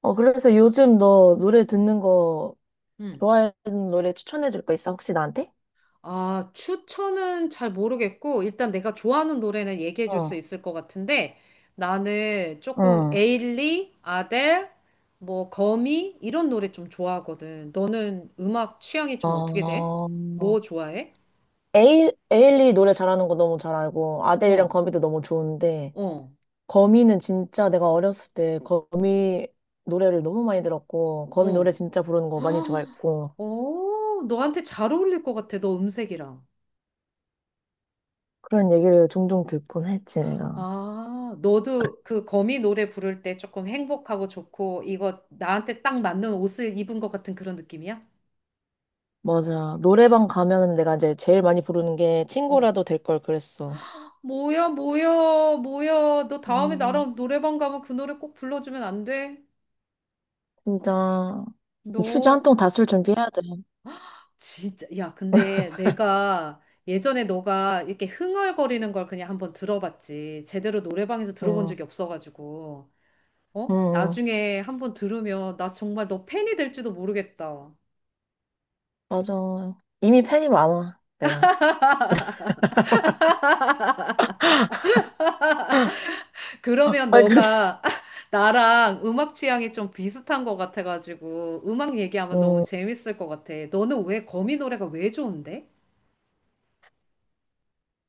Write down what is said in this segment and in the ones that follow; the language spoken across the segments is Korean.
그래서 요즘 너 노래 듣는 거 음. 좋아하는 노래 추천해 줄 거 있어? 혹시 나한테? 아, 추천은 잘 모르겠고, 일단 내가 좋아하는 노래는 얘기해 줄 수 어, 있을 것 같은데, 나는 조금 응, 에일리, 아델, 뭐, 거미, 이런 노래 좀 좋아하거든. 너는 음악 취향이 좀 어떻게 돼? 어, 뭐 좋아해? 에일리 노래 잘하는 거 너무 잘 알고, 아델이랑 어, 거미도 너무 좋은데, 어, 거미는 진짜 내가 어렸을 때 거미 노래를 너무 많이 들었고, 거미 노래 어. 진짜 부르는 거 많이 헉, 좋아했고, 어, 너한테 잘 어울릴 것 같아, 너 음색이랑. 그런 얘기를 종종 듣곤 했지, 내가. 아, 너도 그 거미 노래 부를 때 조금 행복하고 좋고, 이거 나한테 딱 맞는 옷을 입은 것 같은 그런 느낌이야? 맞아. 노래방 가면은 내가 이제 제일 많이 부르는 게 어. 친구라도 될 걸 그랬어. 뭐야, 뭐야, 뭐야. 너 다음에 음. 나랑 노래방 가면 그 노래 꼭 불러주면 안 돼? 진짜 휴지 한 너 통 다 쓸 준비해야 돼. 진짜, 야, 근데 내가 예전에 너가 이렇게 흥얼거리는 걸 그냥 한번 들어봤지. 제대로 노래방에서 들어본 응, 적이 없어가지고. 응, 어? 응. 나중에 한번 들으면 나 정말 너 팬이 될지도 모르겠다. 맞아. 이미 팬이 많아, 내가. 그러면 아니, 그렇게, 너가 나랑 음악 취향이 좀 비슷한 것 같아가지고 음악 얘기하면 너무 응, 재밌을 것 같아. 너는 왜 거미 노래가 왜 좋은데?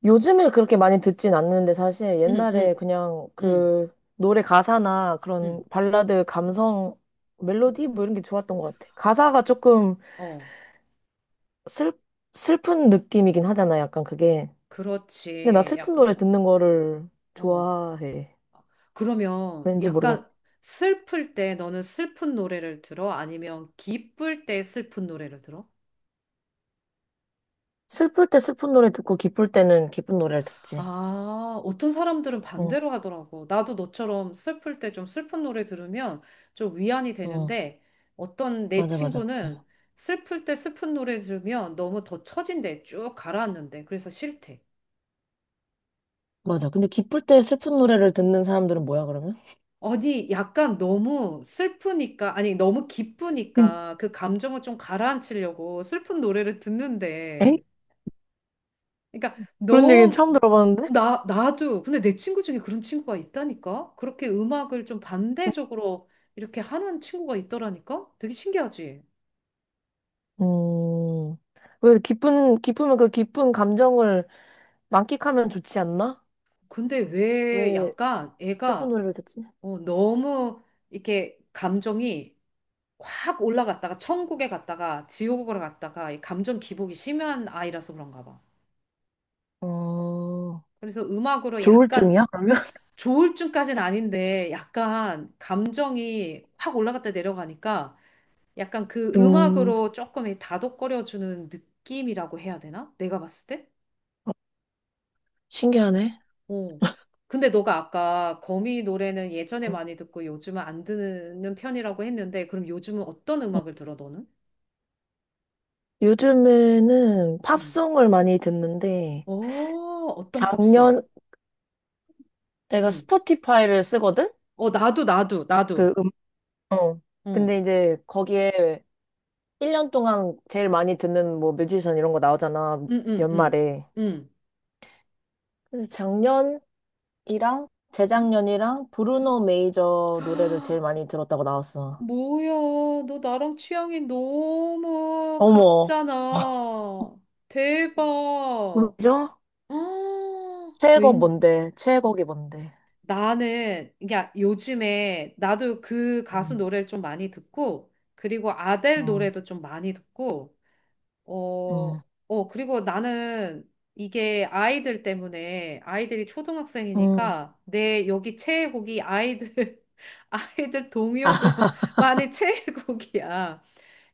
요즘에 그렇게 많이 듣진 않는데 사실 응응 옛날에 그냥 응, 그 노래 가사나 그런 응, 발라드 감성, 응. 멜로디 뭐 이런 게 좋았던 것 같아. 가사가 조금 어, 슬, 슬픈 느낌이긴 하잖아, 약간 그게. 근데 나 그렇지. 슬픈 약간, 노래 듣는 거를 어. 좋아해. 그러면 왠지 모르겠네. 약간 슬플 때 너는 슬픈 노래를 들어? 아니면 기쁠 때 슬픈 노래를 들어? 슬플 때 슬픈 노래 듣고 기쁠 때는 기쁜 노래를 듣지. 아, 어떤 사람들은 응. 반대로 하더라고. 나도 너처럼 슬플 때 좀 슬픈 노래 들으면 좀 위안이 응. 되는데 어떤 내 맞아, 맞아. 친구는 슬플 때 슬픈 노래 들으면 너무 더 처진대. 쭉 가라앉는데. 그래서 싫대. 맞아. 근데 기쁠 때 슬픈 노래를 듣는 사람들은 뭐야, 그러면? 아니, 약간 너무 슬프니까, 아니, 너무 응. 기쁘니까 그 감정을 좀 가라앉히려고 슬픈 노래를 듣는데. 에? 그러니까, 그런 얘기 처음 들어봤는데? 나도, 근데 내 친구 중에 그런 친구가 있다니까? 그렇게 음악을 좀 반대적으로 이렇게 하는 친구가 있더라니까? 되게 신기하지? 음, 왜 기쁘면 그 기쁜 감정을 만끽하면 좋지 않나? 근데 왜 왜 약간 슬픈 애가 노래를 듣지? 어, 너무 이렇게 감정이 확 올라갔다가 천국에 갔다가 지옥으로 갔다가 이 감정 기복이 심한 아이라서 그런가 봐. 어, 그래서 음악으로 약간 조울증이야, 그러면? 조울증까지는 아닌데 약간 감정이 확 올라갔다 내려가니까 약간 그 음, 음악으로 조금 이 다독거려주는 느낌이라고 해야 되나? 내가 봤을 때? 신기하네. 어. 근데 너가 아까 거미 노래는 예전에 어. 많이 듣고 요즘은 안 듣는 편이라고 했는데 그럼 요즘은 어떤 음악을 들어 너는? 요즘에는 음. 팝송을 많이 듣는데, 어, 어떤 팝송? 작년, 내가 음. 스포티파이를 쓰거든? 어, 나도 나도 나도. 그 음, 어. 응. 근데 이제 거기에 1년 동안 제일 많이 듣는 뭐 뮤지션 이런 거 나오잖아, 응, 응, 응. 연말에. 응. 그래서 작년이랑 응? 재작년이랑 응? 브루노 메이저 노래를 제일 많이 들었다고 나왔어. 뭐야, 너 나랑 취향이 너무 어머. 아, 같잖아. 대박. 뭐죠? 아, 최애곡 웬, 뭔데? 최애곡이 뭔데? 나는, 야, 요즘에 나도 그 가수 음, 노래를 좀 많이 듣고, 그리고 아델 음, 노래도 좀 많이 듣고, 어, 음, 어, 그리고 나는 이게 아이들 때문에 아이들이 음. 초등학생이니까 내 여기 최애곡이 아이들, 아이들 동요도 아, 많이 최애곡이야.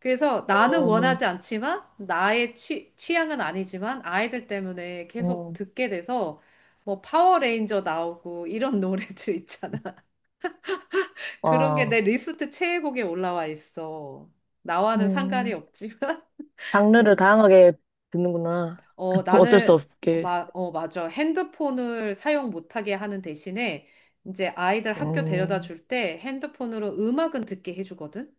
그래서 나는 어, 원하지 않지만 나의 취향은 아니지만 아이들 때문에 계속 음, 듣게 돼서 뭐 파워레인저 나오고 이런 노래들 있잖아. 그런 게 와. 내 리스트 최애곡에 올라와 있어. 나와는 상관이 음. 없지만. 장르를 다양하게 듣는구나. 어, 어쩔 수 나는, 없게. 어, 맞아. 핸드폰을 사용 못하게 하는 대신에 이제 아이들 학교 데려다 음, 줄 때 핸드폰으로 음악은 듣게 해주거든?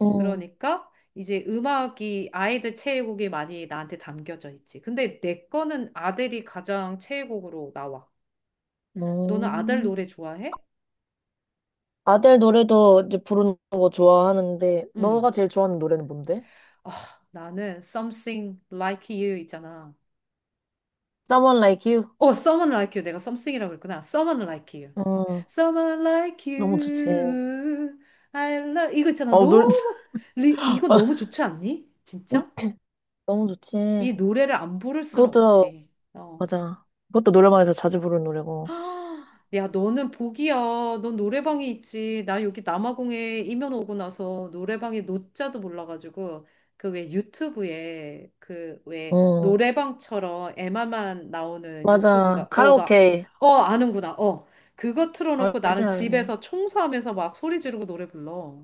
음, 그러니까 이제 음악이 아이들 최애곡이 많이 나한테 담겨져 있지. 근데 내 거는 아들이 가장 최애곡으로 나와. 너는 아들 음. 노래 좋아해? 아델 노래도 이제 부르는 거 좋아하는데, 응. 너가 제일 좋아하는 노래는 뭔데? 아, 나는 Something Like You 있잖아. Someone Like You? 어, Someone Like You. 내가 썸씽이라고 그랬구나. Someone Like You. 음, Someone Like 너무 좋지. You. I love. 이거 있잖아. 어, 노래, 너무, 리, 이거 너무 좋지 않니? 진짜? 너무 좋지. 이 노래를 안 부를 수는 그것도, 없지. 어. 맞아. 그것도 노래방에서 자주 부르는 노래고. 아, 야, 너는 복이야. 넌 노래방이 있지. 나 여기 남아공에 이민 오고 나서 노래방에 노자도 몰라가지고 그 왜 유튜브에 그 왜 응, 노래방처럼 에마만 나오는 맞아. 유튜브가 어, 나, 카라오케. 어, 아는구나. 어, 그거 틀어놓고 알지, 나는 알지. 집에서 청소하면서 막 소리 지르고 노래 불러.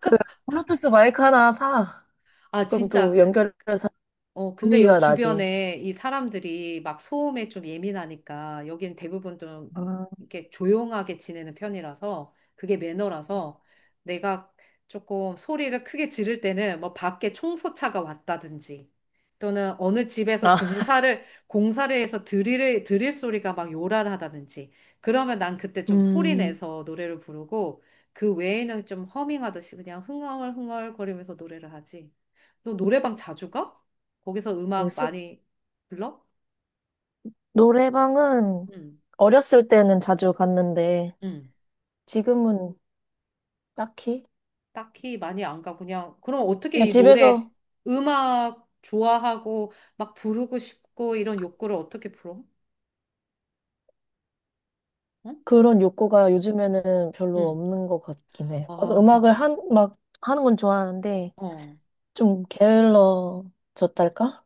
그, 블루투스 마이크 하나 사. 아, 그럼 또 진짜 연결해서 어, 근데 요 분위기가 나지. 주변에 이 사람들이 막 소음에 좀 예민하니까 여긴 대부분 좀 아, 이렇게 조용하게 지내는 편이라서 그게 매너라서 내가 조금 소리를 크게 지를 때는 뭐 밖에 청소차가 왔다든지 또는 어느 집에서 아, 공사를 해서 드릴 소리가 막 요란하다든지 그러면 난 그때 좀 소리 음. 내서 노래를 부르고 그 외에는 좀 허밍하듯이 그냥 흥얼흥얼 거리면서 노래를 하지. 너 노래방 자주 가? 거기서 그 음악 많이 불러? 노래방은 응, 어렸을 때는 자주 갔는데, 응. 지금은 딱히? 딱히 많이 안 가. 그냥 그럼 어떻게 그냥 이 노래 집에서 음악 좋아하고 막 부르고 싶고 이런 욕구를 어떻게 풀어? 응? 그런 욕구가 요즘에는 별로 응. 없는 것 같긴 해. 막 아, 막 하는 건 좋아하는데 어. 좀 게을러졌달까?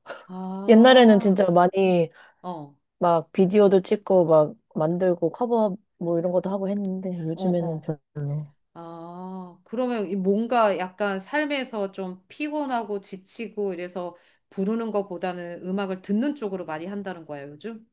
옛날에는 아. 진짜 많이 어. 막 비디오도 찍고 막 만들고 커버 뭐 이런 것도 하고 했는데 어, 요즘에는 어. 별로. 아. 그러면 이 뭔가 약간 삶에서 좀 피곤하고 지치고 이래서 부르는 것보다는 음악을 듣는 쪽으로 많이 한다는 거야, 요즘?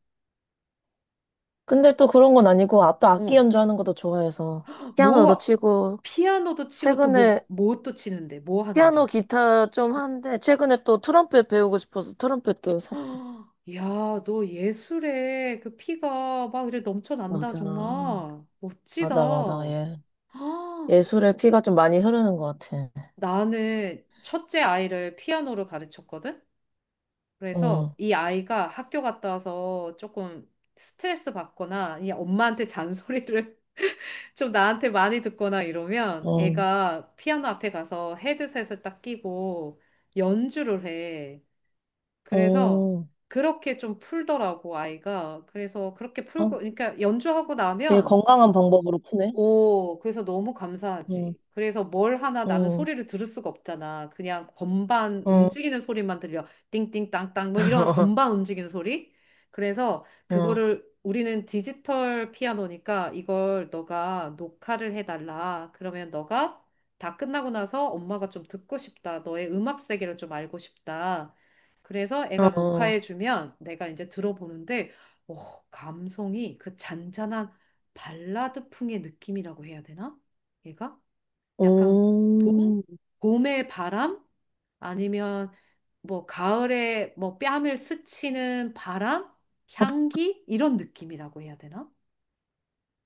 근데 또 그런 건 아니고 아, 또 악기 어. 연주하는 것도 좋아해서 피아노도 뭐 치고 피아노도 치고 또 뭐, 최근에 뭐 또 치는데 뭐 피아노 하는데 기타 좀 하는데 최근에 또 트럼펫 배우고 싶어서 트럼펫도 샀어. 헉, 야, 너 예술에 그 피가 막 이래 넘쳐난다 맞아. 정말 멋지다 맞아, 맞아. 예. 아, 예술의 피가 좀 많이 흐르는 것 같아. 나는 첫째 아이를 피아노를 가르쳤거든 그래서 응, 이 아이가 학교 갔다 와서 조금 스트레스 받거나 이 엄마한테 잔소리를 좀 나한테 많이 듣거나 이러면 응, 애가 피아노 앞에 가서 헤드셋을 딱 끼고 연주를 해. 그래서 응. 그렇게 좀 풀더라고, 아이가. 그래서 그렇게 풀고, 어, 그러니까 연주하고 되게 나면 건강한 방법으로 푸네. 오, 그래서 너무 응, 감사하지. 그래서 뭘 하나 나는 응, 소리를 들을 수가 없잖아. 그냥 건반 응, 움직이는 소리만 들려. 띵띵 땅땅 뭐 이런 건반 움직이는 소리. 그래서 응, 그거를 우리는 디지털 피아노니까 이걸 너가 녹화를 해달라. 그러면 너가 다 끝나고 나서 엄마가 좀 듣고 싶다. 너의 음악 세계를 좀 알고 싶다. 그래서 애가 응. 녹화해주면 내가 이제 들어보는데, 오, 감성이 그 잔잔한 발라드풍의 느낌이라고 해야 되나? 얘가 약간 봄? 음. 봄의 바람? 아니면 뭐 가을에 뭐 뺨을 스치는 바람? 향기? 이런 느낌이라고 해야 되나?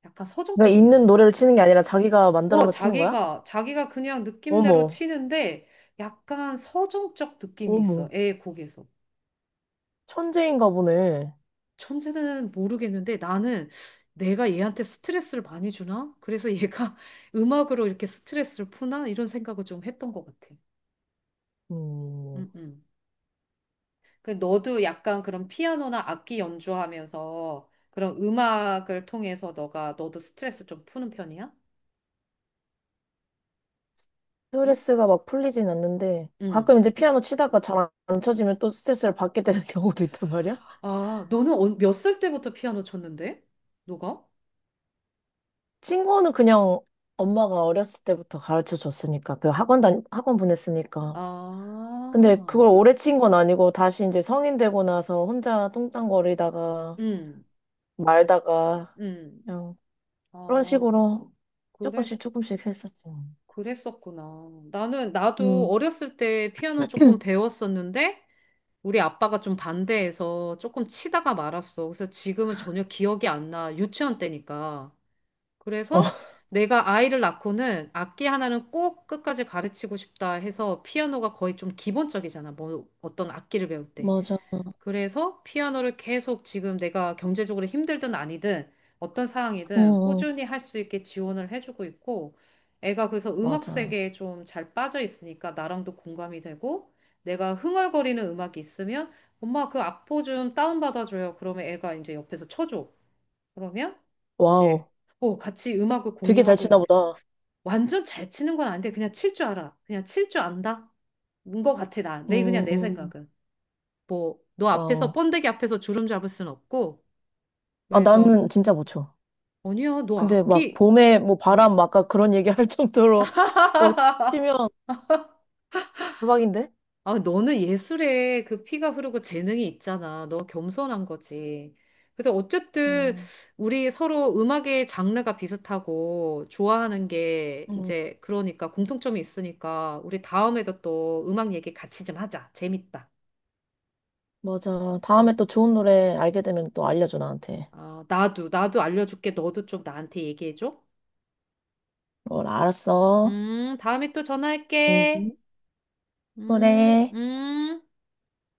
약간 그러니까 서정적이야. 있는 노래를 치는 게 아니라 자기가 어, 만들어서 치는 거야? 자기가 그냥 느낌대로 어머, 치는데 약간 서정적 느낌이 어머. 있어. 애 곡에서. 천재인가 보네. 천재는 모르겠는데 나는 내가 얘한테 스트레스를 많이 주나? 그래서 얘가 음악으로 이렇게 스트레스를 푸나? 이런 생각을 좀 했던 것 같아. 음. 음, 음. 그 너도 약간 그런 피아노나 악기 연주하면서 그런 음악을 통해서 너가 너도 스트레스 좀 푸는 편이야? 응? 스트레스가 막 풀리진 않는데 응. 가끔 이제 피아노 치다가 잘 안 쳐지면 또 스트레스를 받게 되는 경우도 있단 말이야? 아, 너는 몇 살 때부터 피아노 쳤는데? 너가? 친구는 그냥 엄마가 어렸을 때부터 가르쳐 줬으니까, 학원 보냈으니까. 근데 아, 그걸 오래 친 건 아니고, 다시 이제 성인 되고 나서 혼자 뚱땅거리다가, 응, 말다가, 응. 그냥 그런 아, 식으로 그래서... 조금씩 조금씩 했었지. 그랬었구나. 나는, 나도 음. 어렸을 때 피아노 조금 배웠었는데, 우리 아빠가 좀 반대해서 조금 치다가 말았어. 그래서 지금은 전혀 기억이 안 나. 유치원 때니까. 어, 그래서 내가 아이를 낳고는 악기 하나는 꼭 끝까지 가르치고 싶다 해서 피아노가 거의 좀 기본적이잖아. 뭐, 어떤 악기를 배울 때. 맞아. 그래서 피아노를 계속 지금 내가 경제적으로 힘들든 아니든 어떤 응, 상황이든 응, 꾸준히 할 수 있게 지원을 해주고 있고 애가 그래서 음악 맞아. 세계에 좀 잘 빠져 있으니까 나랑도 공감이 되고 내가 흥얼거리는 음악이 있으면 엄마 그 악보 좀 다운받아줘요. 그러면 애가 이제 옆에서 쳐줘. 그러면 이제 와우. 어, 같이 음악을 되게 잘 공유하고 치나 이렇게 보다. 완전 잘 치는 건 아닌데 그냥 칠 줄 알아. 그냥 칠 줄 안다. 인것 같아 나. 내 그냥 음, 내 음. 생각은. 뭐 너 앞에서 와우. 번데기 앞에서 주름 잡을 순 없고 아, 그래서 나는 진짜 못 쳐. 아니야 너 근데 막 악기 봄에 뭐 응. 바람 막 아까 그런 얘기 할 정도로 막 치면 대박인데? 아 너는 예술에 그 피가 흐르고 재능이 있잖아 너 겸손한 거지 그래서 어쨌든 어. 우리 서로 음악의 장르가 비슷하고 좋아하는 게 음, 이제 그러니까 공통점이 있으니까 우리 다음에도 또 음악 얘기 같이 좀 하자 재밌다 맞아. 음. 다음에 또 좋은 노래 알게 되면 또 알려줘, 나한테. 아 나도 나도 알려줄게 너도 좀 나한테 얘기해줘 뭘 알았어. 다음에 또 전화할게 음. 그래. 음.